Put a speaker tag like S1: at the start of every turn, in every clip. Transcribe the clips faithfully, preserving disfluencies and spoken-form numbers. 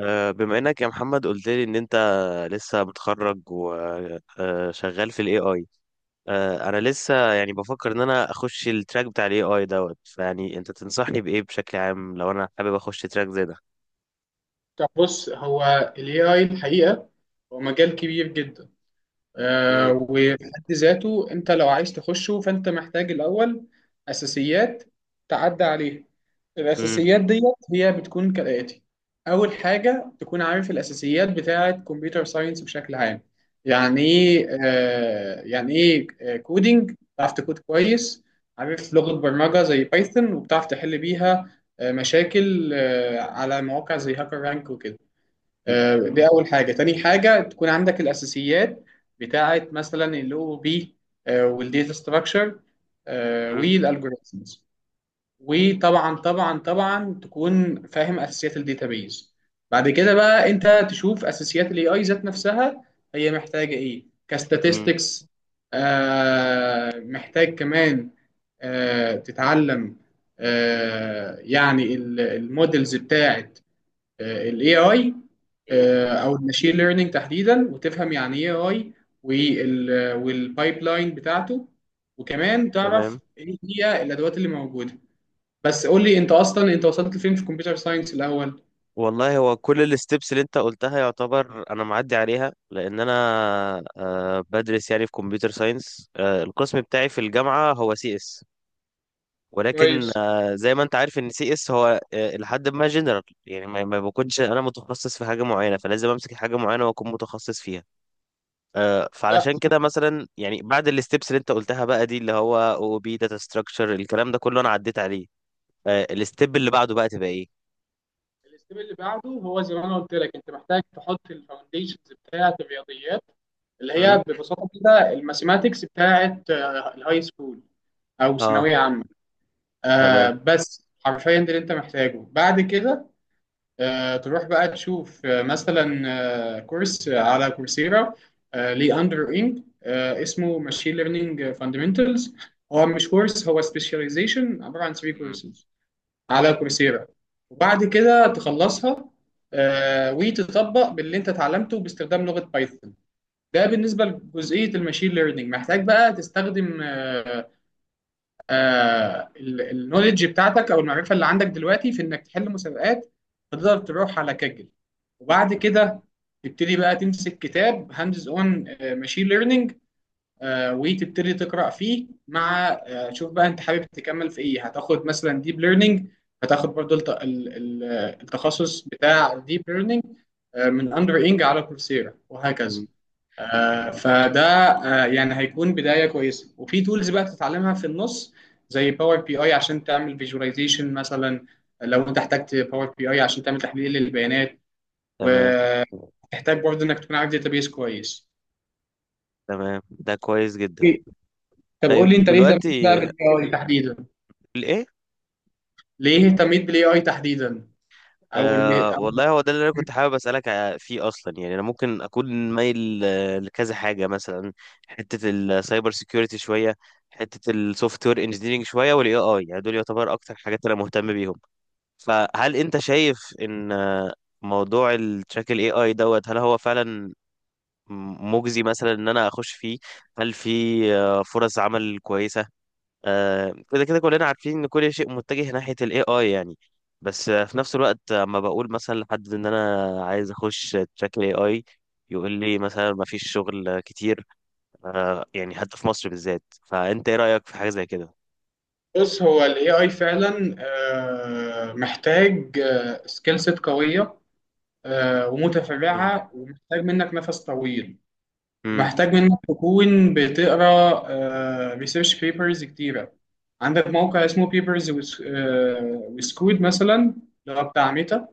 S1: آه، بما انك يا محمد قلت لي ان انت لسه متخرج وشغال في الاي اي. انا لسه يعني بفكر ان انا اخش التراك بتاع الاي اي دوت، فيعني انت تنصحني بايه بشكل عام لو انا حابب اخش تراك زي ده؟
S2: طب بص، هو ال إيه آي الحقيقة هو مجال كبير جدا. آه
S1: مم،
S2: وفي حد ذاته أنت لو عايز تخشه، فأنت محتاج الأول أساسيات تعدى عليها.
S1: مم،
S2: الأساسيات ديت هي بتكون كالآتي: أول حاجة تكون عارف الأساسيات بتاعة كمبيوتر ساينس بشكل عام. يعني إيه آه يعني إيه كودينج، بتعرف تكود كويس، عارف لغة برمجة زي بايثون وبتعرف تحل بيها آه، مشاكل آه، على مواقع زي هاكر رانك وكده.
S1: مم،
S2: آه، دي أول حاجة. تاني حاجة تكون عندك الأساسيات بتاعة مثلا ال او او بي، آه، والديتا ستراكشر
S1: مم،
S2: والالجوريزمز. وطبعا طبعا طبعا تكون فاهم أساسيات الداتابيز. بعد كده بقى أنت تشوف أساسيات ال إيه آي ذات نفسها. هي محتاجة إيه؟
S1: مم،
S2: كاستاتستكس، آه محتاج كمان آه، تتعلم آه، يعني المودلز بتاعة الاي اي،
S1: مم.
S2: آه، او الماشين ليرنينج تحديدا، وتفهم يعني ايه اي والبايب لاين بتاعته، وكمان تعرف
S1: تمام.
S2: ايه هي الادوات اللي موجوده. بس قول لي انت اصلا، انت وصلت لفين في الكمبيوتر ساينس الاول؟
S1: والله هو كل الستبس اللي انت قلتها يعتبر انا معدي عليها، لان انا آه، بدرس يعني في كمبيوتر ساينس. القسم بتاعي في الجامعة هو سي اس، ولكن
S2: كويس.
S1: آه، زي ما انت عارف ان سي اس هو آه، لحد ما جنرال، يعني ما ما بكونش انا متخصص في حاجه معينه، فلازم امسك حاجه معينه واكون متخصص فيها. آه،
S2: لا،
S1: فعلشان كده مثلا يعني بعد الستبس اللي انت قلتها بقى، دي اللي هو او بي داتا ستراكشر الكلام ده كله انا عديت عليه. آه، الستيب اللي بعده بقى تبقى ايه؟
S2: الاستيب اللي بعده هو زي ما انا قلت لك، انت محتاج تحط الفاونديشنز بتاعه الرياضيات اللي
S1: مم.
S2: هي ببساطه كده الماثيماتكس بتاعه آه، الهاي سكول او
S1: اه.
S2: ثانويه عامه. آه
S1: تمام.
S2: بس حرفيا ده اللي انت محتاجه. بعد كده آه، تروح بقى تشوف آه، مثلا آه، كورس آه، على كورسيرا آه، ليه اندر انج، آه، اسمه ماشين ليرنينج فاندمنتالز. هو مش كورس، هو سبيشاليزيشن عباره عن ثلاث
S1: مم.
S2: كورسز على كورسيرا. وبعد كده تخلصها آه، وتطبق باللي انت اتعلمته باستخدام لغه بايثون. ده بالنسبه لجزئيه الماشين ليرنينج. محتاج بقى تستخدم آه النولج بتاعتك او المعرفه اللي عندك دلوقتي في انك تحل مسابقات. تقدر تروح على كاجل، وبعد كده تبتدي بقى تمسك كتاب هاندز اون ماشين ليرنينج، آه، وتبتدي تقرا فيه. مع آه، شوف بقى انت حابب تكمل في ايه. هتاخد مثلا ديب ليرنينج، هتاخد برضو الت- ال- ال- التخصص بتاع ديب ليرنينج من اندر انج على كورسيرا، وهكذا.
S1: مم.
S2: آه، فده آه، يعني هيكون بدايه كويسه. وفي تولز بقى تتعلمها في النص زي باور بي اي عشان تعمل فيجواليزيشن مثلا، لو انت احتجت باور بي اي عشان تعمل تحليل للبيانات.
S1: تمام.
S2: وتحتاج برضو انك تكون عارف داتابيس كويس.
S1: تمام، ده كويس جدا.
S2: طب قول لي
S1: طيب
S2: انت ليه اهتميت بقى
S1: دلوقتي
S2: بالاي اي تحديدا؟
S1: الايه؟
S2: ليه اهتميت بالاي اي تحديدا؟ او اللي
S1: أه
S2: أو
S1: والله هو ده اللي انا كنت حابب اسالك ع- فيه اصلا، يعني انا ممكن اكون مايل آه، لكذا حاجه مثلا. حته السايبر سيكيورتي شويه، حته السوفت وير انجينيرنج شويه، والاي اي، يعني دول يعتبر اكتر حاجات انا مهتم بيهم. فهل انت شايف ان آه، موضوع التراك الاي اي دوت، هل هو فعلا مجزي مثلا ان انا اخش فيه؟ هل في آه، فرص عمل كويسه؟ آه، كده كده كلنا عارفين ان كل شيء متجه ناحية الاي اي يعني، بس آه، في نفس الوقت اما بقول مثلا لحد ان انا عايز اخش تراك الاي اي، يقول لي مثلا ما فيش شغل كتير، آه، يعني حتى في مصر بالذات. فانت ايه رأيك في حاجة زي كده؟
S2: بص، هو الاي اي فعلا آه، محتاج سكيل سيت قويه آه،
S1: امم.
S2: ومتفرعه، ومحتاج منك نفس طويل،
S1: امم.
S2: ومحتاج منك تكون بتقرا ريسيرش بيبرز كتيره. عندك موقع اسمه بيبرز وسكود مثلا، اللي هو بتاع ميتا،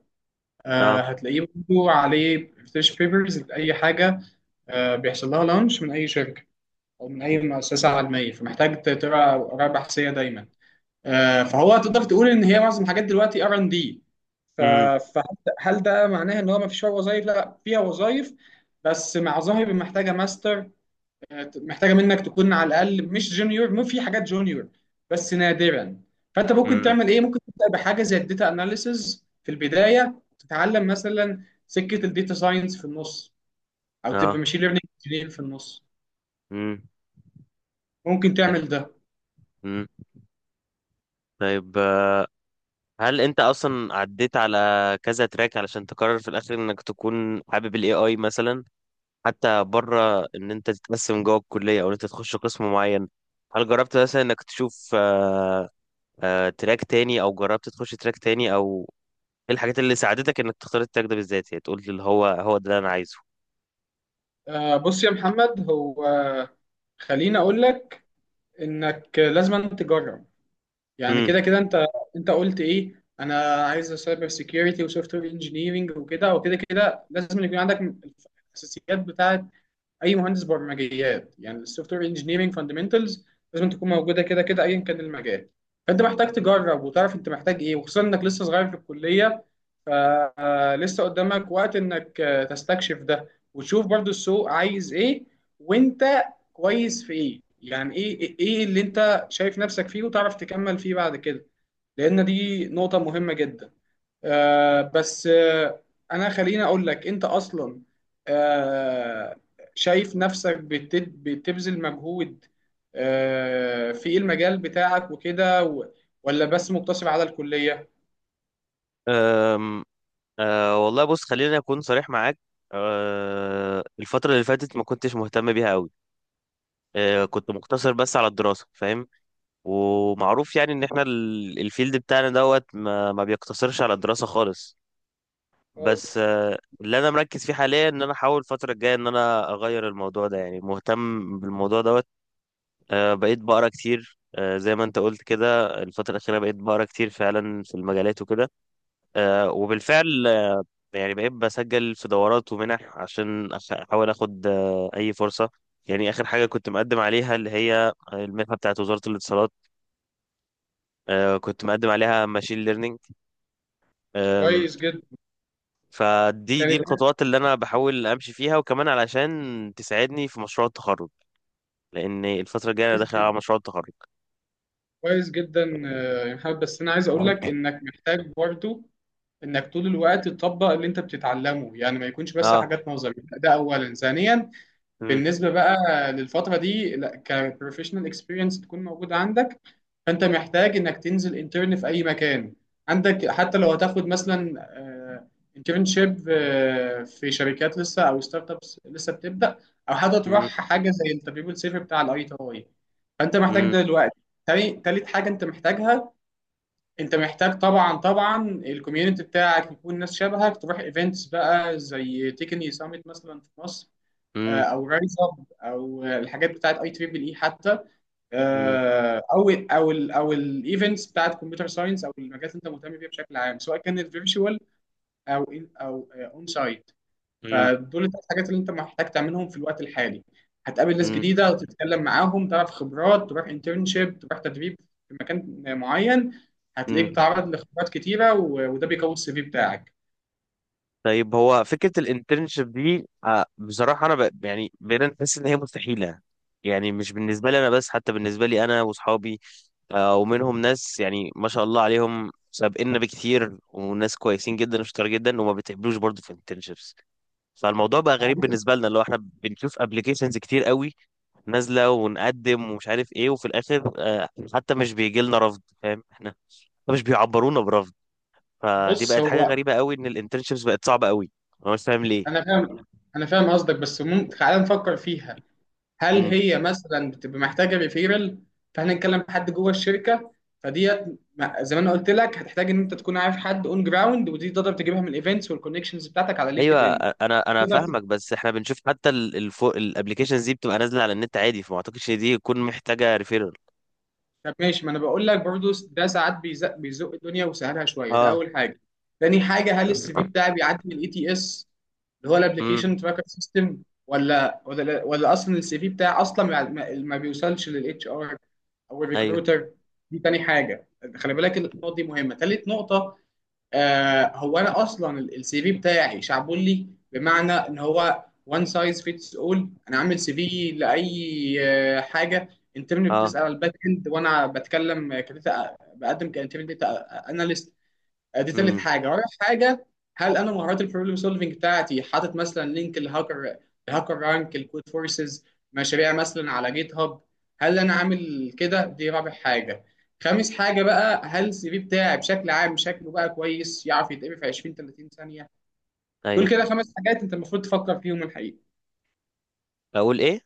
S2: آه،
S1: اه.
S2: هتلاقيه برضه عليه ريسيرش بيبرز لاي حاجه آه، بيحصل لها لانش من اي شركه او من اي مؤسسه علميه. فمحتاج تقرا اراء بحثيه دايما. آه، فهو تقدر تقول ان هي معظم الحاجات دلوقتي ار ان دي.
S1: امم.
S2: فهل ده معناه ان هو ما فيش وظائف؟ لا، فيها وظائف، بس مع ظاهر محتاجه ماستر، آه، محتاجه منك تكون على الاقل مش جونيور. مو في حاجات جونيور بس نادرا. فانت ممكن
S1: امم.
S2: تعمل ايه؟ ممكن تبدا بحاجه زي الداتا اناليسز في البدايه، تتعلم مثلا سكه الداتا ساينس في النص، او تبقى
S1: اه.
S2: ماشين ليرنينج في النص.
S1: امم
S2: ممكن
S1: يعني.
S2: تعمل ده.
S1: امم. طيب، آه، هل انت اصلا عديت على كذا تراك علشان تقرر في الاخر انك تكون حابب الاي اي مثلا، حتى بره ان انت تتقسم جوه الكليه او ان انت تخش قسم معين؟ هل جربت مثلا انك تشوف آه، آه، تراك تاني، او جربت تخش تراك تاني؟ او ايه الحاجات اللي ساعدتك انك تختار التراك ده بالذات، يعني تقول اللي هو هو ده اللي انا عايزه؟
S2: آه، بص يا محمد، هو خليني اقول لك انك لازم أن تجرب. يعني كده
S1: امم.
S2: كده انت، انت قلت ايه، انا عايز سايبر سيكيورتي وسوفت وير انجينيرنج وكده. وكده كده لازم يكون عندك الاساسيات بتاعه اي مهندس برمجيات، يعني السوفت وير انجينيرنج فاندمنتالز لازم تكون موجوده كده كده، ايا كان المجال. فانت محتاج تجرب وتعرف انت محتاج ايه، وخصوصا انك لسه صغير في الكليه. فلسه قدامك وقت انك آه، تستكشف ده، وتشوف برضو السوق عايز ايه، وانت كويس في ايه. يعني ايه ايه إيه اللي انت شايف نفسك فيه وتعرف تكمل فيه بعد كده، لان دي نقطة مهمة جدا. آه بس آه انا خليني اقول لك، انت اصلا آه شايف نفسك بت- بتبذل مجهود آه في المجال بتاعك وكده، و- ولا بس مقتصر على الكلية؟
S1: أم، أه والله بص خليني اكون صريح معاك. أه الفترة اللي فاتت ما كنتش مهتم بيها قوي. أه
S2: مم.
S1: كنت مقتصر بس على الدراسة، فاهم. ومعروف يعني ان احنا ال- الفيلد بتاعنا دوت ما, ما بيقتصرش على الدراسة خالص. بس
S2: خالص.
S1: آه، اللي انا مركز فيه حاليا ان انا احاول الفتره الجايه ان انا اغير الموضوع ده، يعني مهتم بالموضوع دوت. آه، بقيت بقرا كتير، آه، زي ما انت قلت كده الفتره الاخيره بقيت بقرا كتير فعلا في المجالات وكده. آه، وبالفعل آه، يعني بقيت بسجل في دورات ومنح عشان أخ- احاول اخد آه، اي فرصه. يعني اخر حاجه كنت مقدم عليها اللي هي المنحه بتاعت وزاره الاتصالات، آه، كنت مقدم عليها ماشين ليرنينج.
S2: كويس جدا.
S1: فدي دي
S2: كانت
S1: الخطوات اللي انا بحاول امشي فيها، وكمان علشان تساعدني في مشروع التخرج، لان الفتره الجايه انا
S2: كويس
S1: داخل على
S2: جدا.
S1: مشروع التخرج.
S2: كويس جدا آه، يا محمد، بس انا عايز اقول لك انك محتاج برضو انك طول الوقت تطبق اللي انت بتتعلمه، يعني ما يكونش بس
S1: اه.
S2: حاجات نظري. ده اولا. ثانيا
S1: مم.
S2: بالنسبه بقى للفتره دي، لا كبروفيشنال اكسبيرينس تكون موجوده عندك. فانت محتاج انك تنزل انترن في اي مكان عندك، حتى لو هتاخد مثلا انترنشيب في شركات لسه او ستارت ابس لسه بتبدا، او حتى تروح
S1: مم.
S2: حاجه زي التدريب الصيفي بتاع الاي تي اي. فانت محتاج
S1: مم.
S2: ده دلوقتي. تاني- تالت حاجه انت محتاجها، انت محتاج طبعا طبعا الكوميونتي بتاعك يكون ناس شبهك. تروح ايفنتس بقى زي تكني سامت مثلا في مصر، آه،
S1: مم.
S2: او رايز اب، او الحاجات بتاعت اي تريبل اي حتى،
S1: مم.
S2: آه، او ال او ال او الايفنتس بتاعت كمبيوتر ساينس، او المجالات اللي انت مهتم بيها بشكل عام، سواء كانت فيرتشوال او in او اون سايت.
S1: مم.
S2: فدول الثلاث حاجات اللي انت محتاج تعملهم في الوقت الحالي. هتقابل ناس
S1: مم.
S2: جديده وتتكلم معاهم، تعرف خبرات، تروح انترنشيب، تروح تدريب في مكان معين. هتلاقيك
S1: مم.
S2: بتتعرض لخبرات كتيره، و- وده بيقوي السي في بتاعك.
S1: طيب هو فكره الانترنشيب دي، آه بصراحه انا ب... يعني بقينا نحس ان هي مستحيله. يعني مش بالنسبه لي انا بس، حتى بالنسبه لي انا واصحابي، آه ومنهم ناس يعني ما شاء الله عليهم سابقنا بكتير، وناس كويسين جدا وشطار جدا، وما بيتقبلوش برضه في internships. فالموضوع بقى
S2: ما هو
S1: غريب
S2: أنت-
S1: بالنسبه لنا، اللي هو احنا بنشوف ابلكيشنز كتير قوي نازله ونقدم ومش عارف ايه، وفي الاخر آه، حتى مش بيجي لنا رفض، فاهم احنا مش بيعبرونا برفض. فدي
S2: بص،
S1: بقت حاجه
S2: هو
S1: غريبه قوي ان الانترنشيبس بقت صعبه قوي. انا مش فاهم ليه.
S2: انا فاهم، انا فاهم قصدك، بس ممكن تعالى نفكر فيها. هل
S1: امم.
S2: هي مثلا بتبقى محتاجه ريفيرال، فاحنا نتكلم حد جوه الشركه؟ فديت ما- زي ما انا قلت لك، هتحتاج ان انت تكون عارف حد اون جراوند، ودي تقدر تجيبها من الايفنتس والكونكشنز بتاعتك على
S1: ايوه
S2: لينكد ان.
S1: آه، انا انا فاهمك، بس احنا بنشوف حتى الابلكيشنز دي بتبقى نازله على النت عادي، فما اعتقدش إن دي تكون محتاجه ريفيرال.
S2: طب ماشي، ما انا بقول لك برضو، ده ساعات بيزق بيزق الدنيا وسهلها شويه. ده
S1: اه.
S2: اول حاجه. تاني حاجه، هل السي في بتاعي بيعدي من الاي تي اس اللي هو
S1: امم.
S2: الابلكيشن تراكر سيستم، ولا ولا ولا اصلا السي في بتاعي اصلا ما, ما ما بيوصلش للاتش ار او
S1: ايوه.
S2: الريكروتر؟ دي تاني حاجه. خلي بالك النقطه دي مهمه. تالت نقطه، آه هو انا اصلا السي في بتاعي شعبولي، بمعنى ان هو وان سايز فيتس اول. انا عامل سي في لاي آه، حاجه. انترن
S1: اه.
S2: بتسال على الباك اند، وانا بتكلم كداتا، بقدم كانترن داتا اناليست. دي تالت
S1: امم.
S2: حاجه. رابع حاجه، هل انا مهارات البروبلم سولفنج بتاعتي حاطط مثلا لينك الهاكر الهاكر رانك، الكود فورسز، مشاريع مثلا على جيت هاب؟ هل انا عامل كده؟ دي رابع حاجه. خامس حاجه بقى، هل السي في بتاعي بشكل عام شكله بقى كويس، يعرف يتقري في عشرين ثلاثين ثانيه؟ دول
S1: ايوه.
S2: كده خمس حاجات انت المفروض تفكر فيهم الحقيقه.
S1: اقول ايه.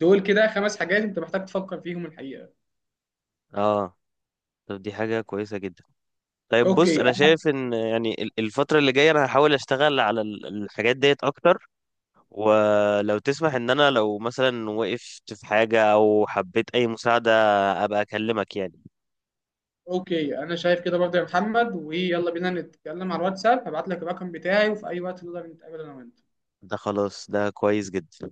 S2: دول كده خمس حاجات انت محتاج تفكر فيهم الحقيقه.
S1: اه. طب دي حاجه كويسه جدا. طيب بص،
S2: اوكي.
S1: انا شايف ان يعني ال- الفتره اللي جايه انا هحاول اشتغل على ال- الحاجات ديت اكتر. ولو تسمح ان انا لو مثلا وقفت في حاجه او حبيت اي مساعده، ابقى اكلمك يعني.
S2: اوكي، انا شايف كده برضه يا محمد. ويلا بينا نتكلم على الواتساب، هبعت لك الرقم بتاعي، وفي اي وقت نقدر نتقابل انا وانت.
S1: ده خلاص، ده كويس جدا.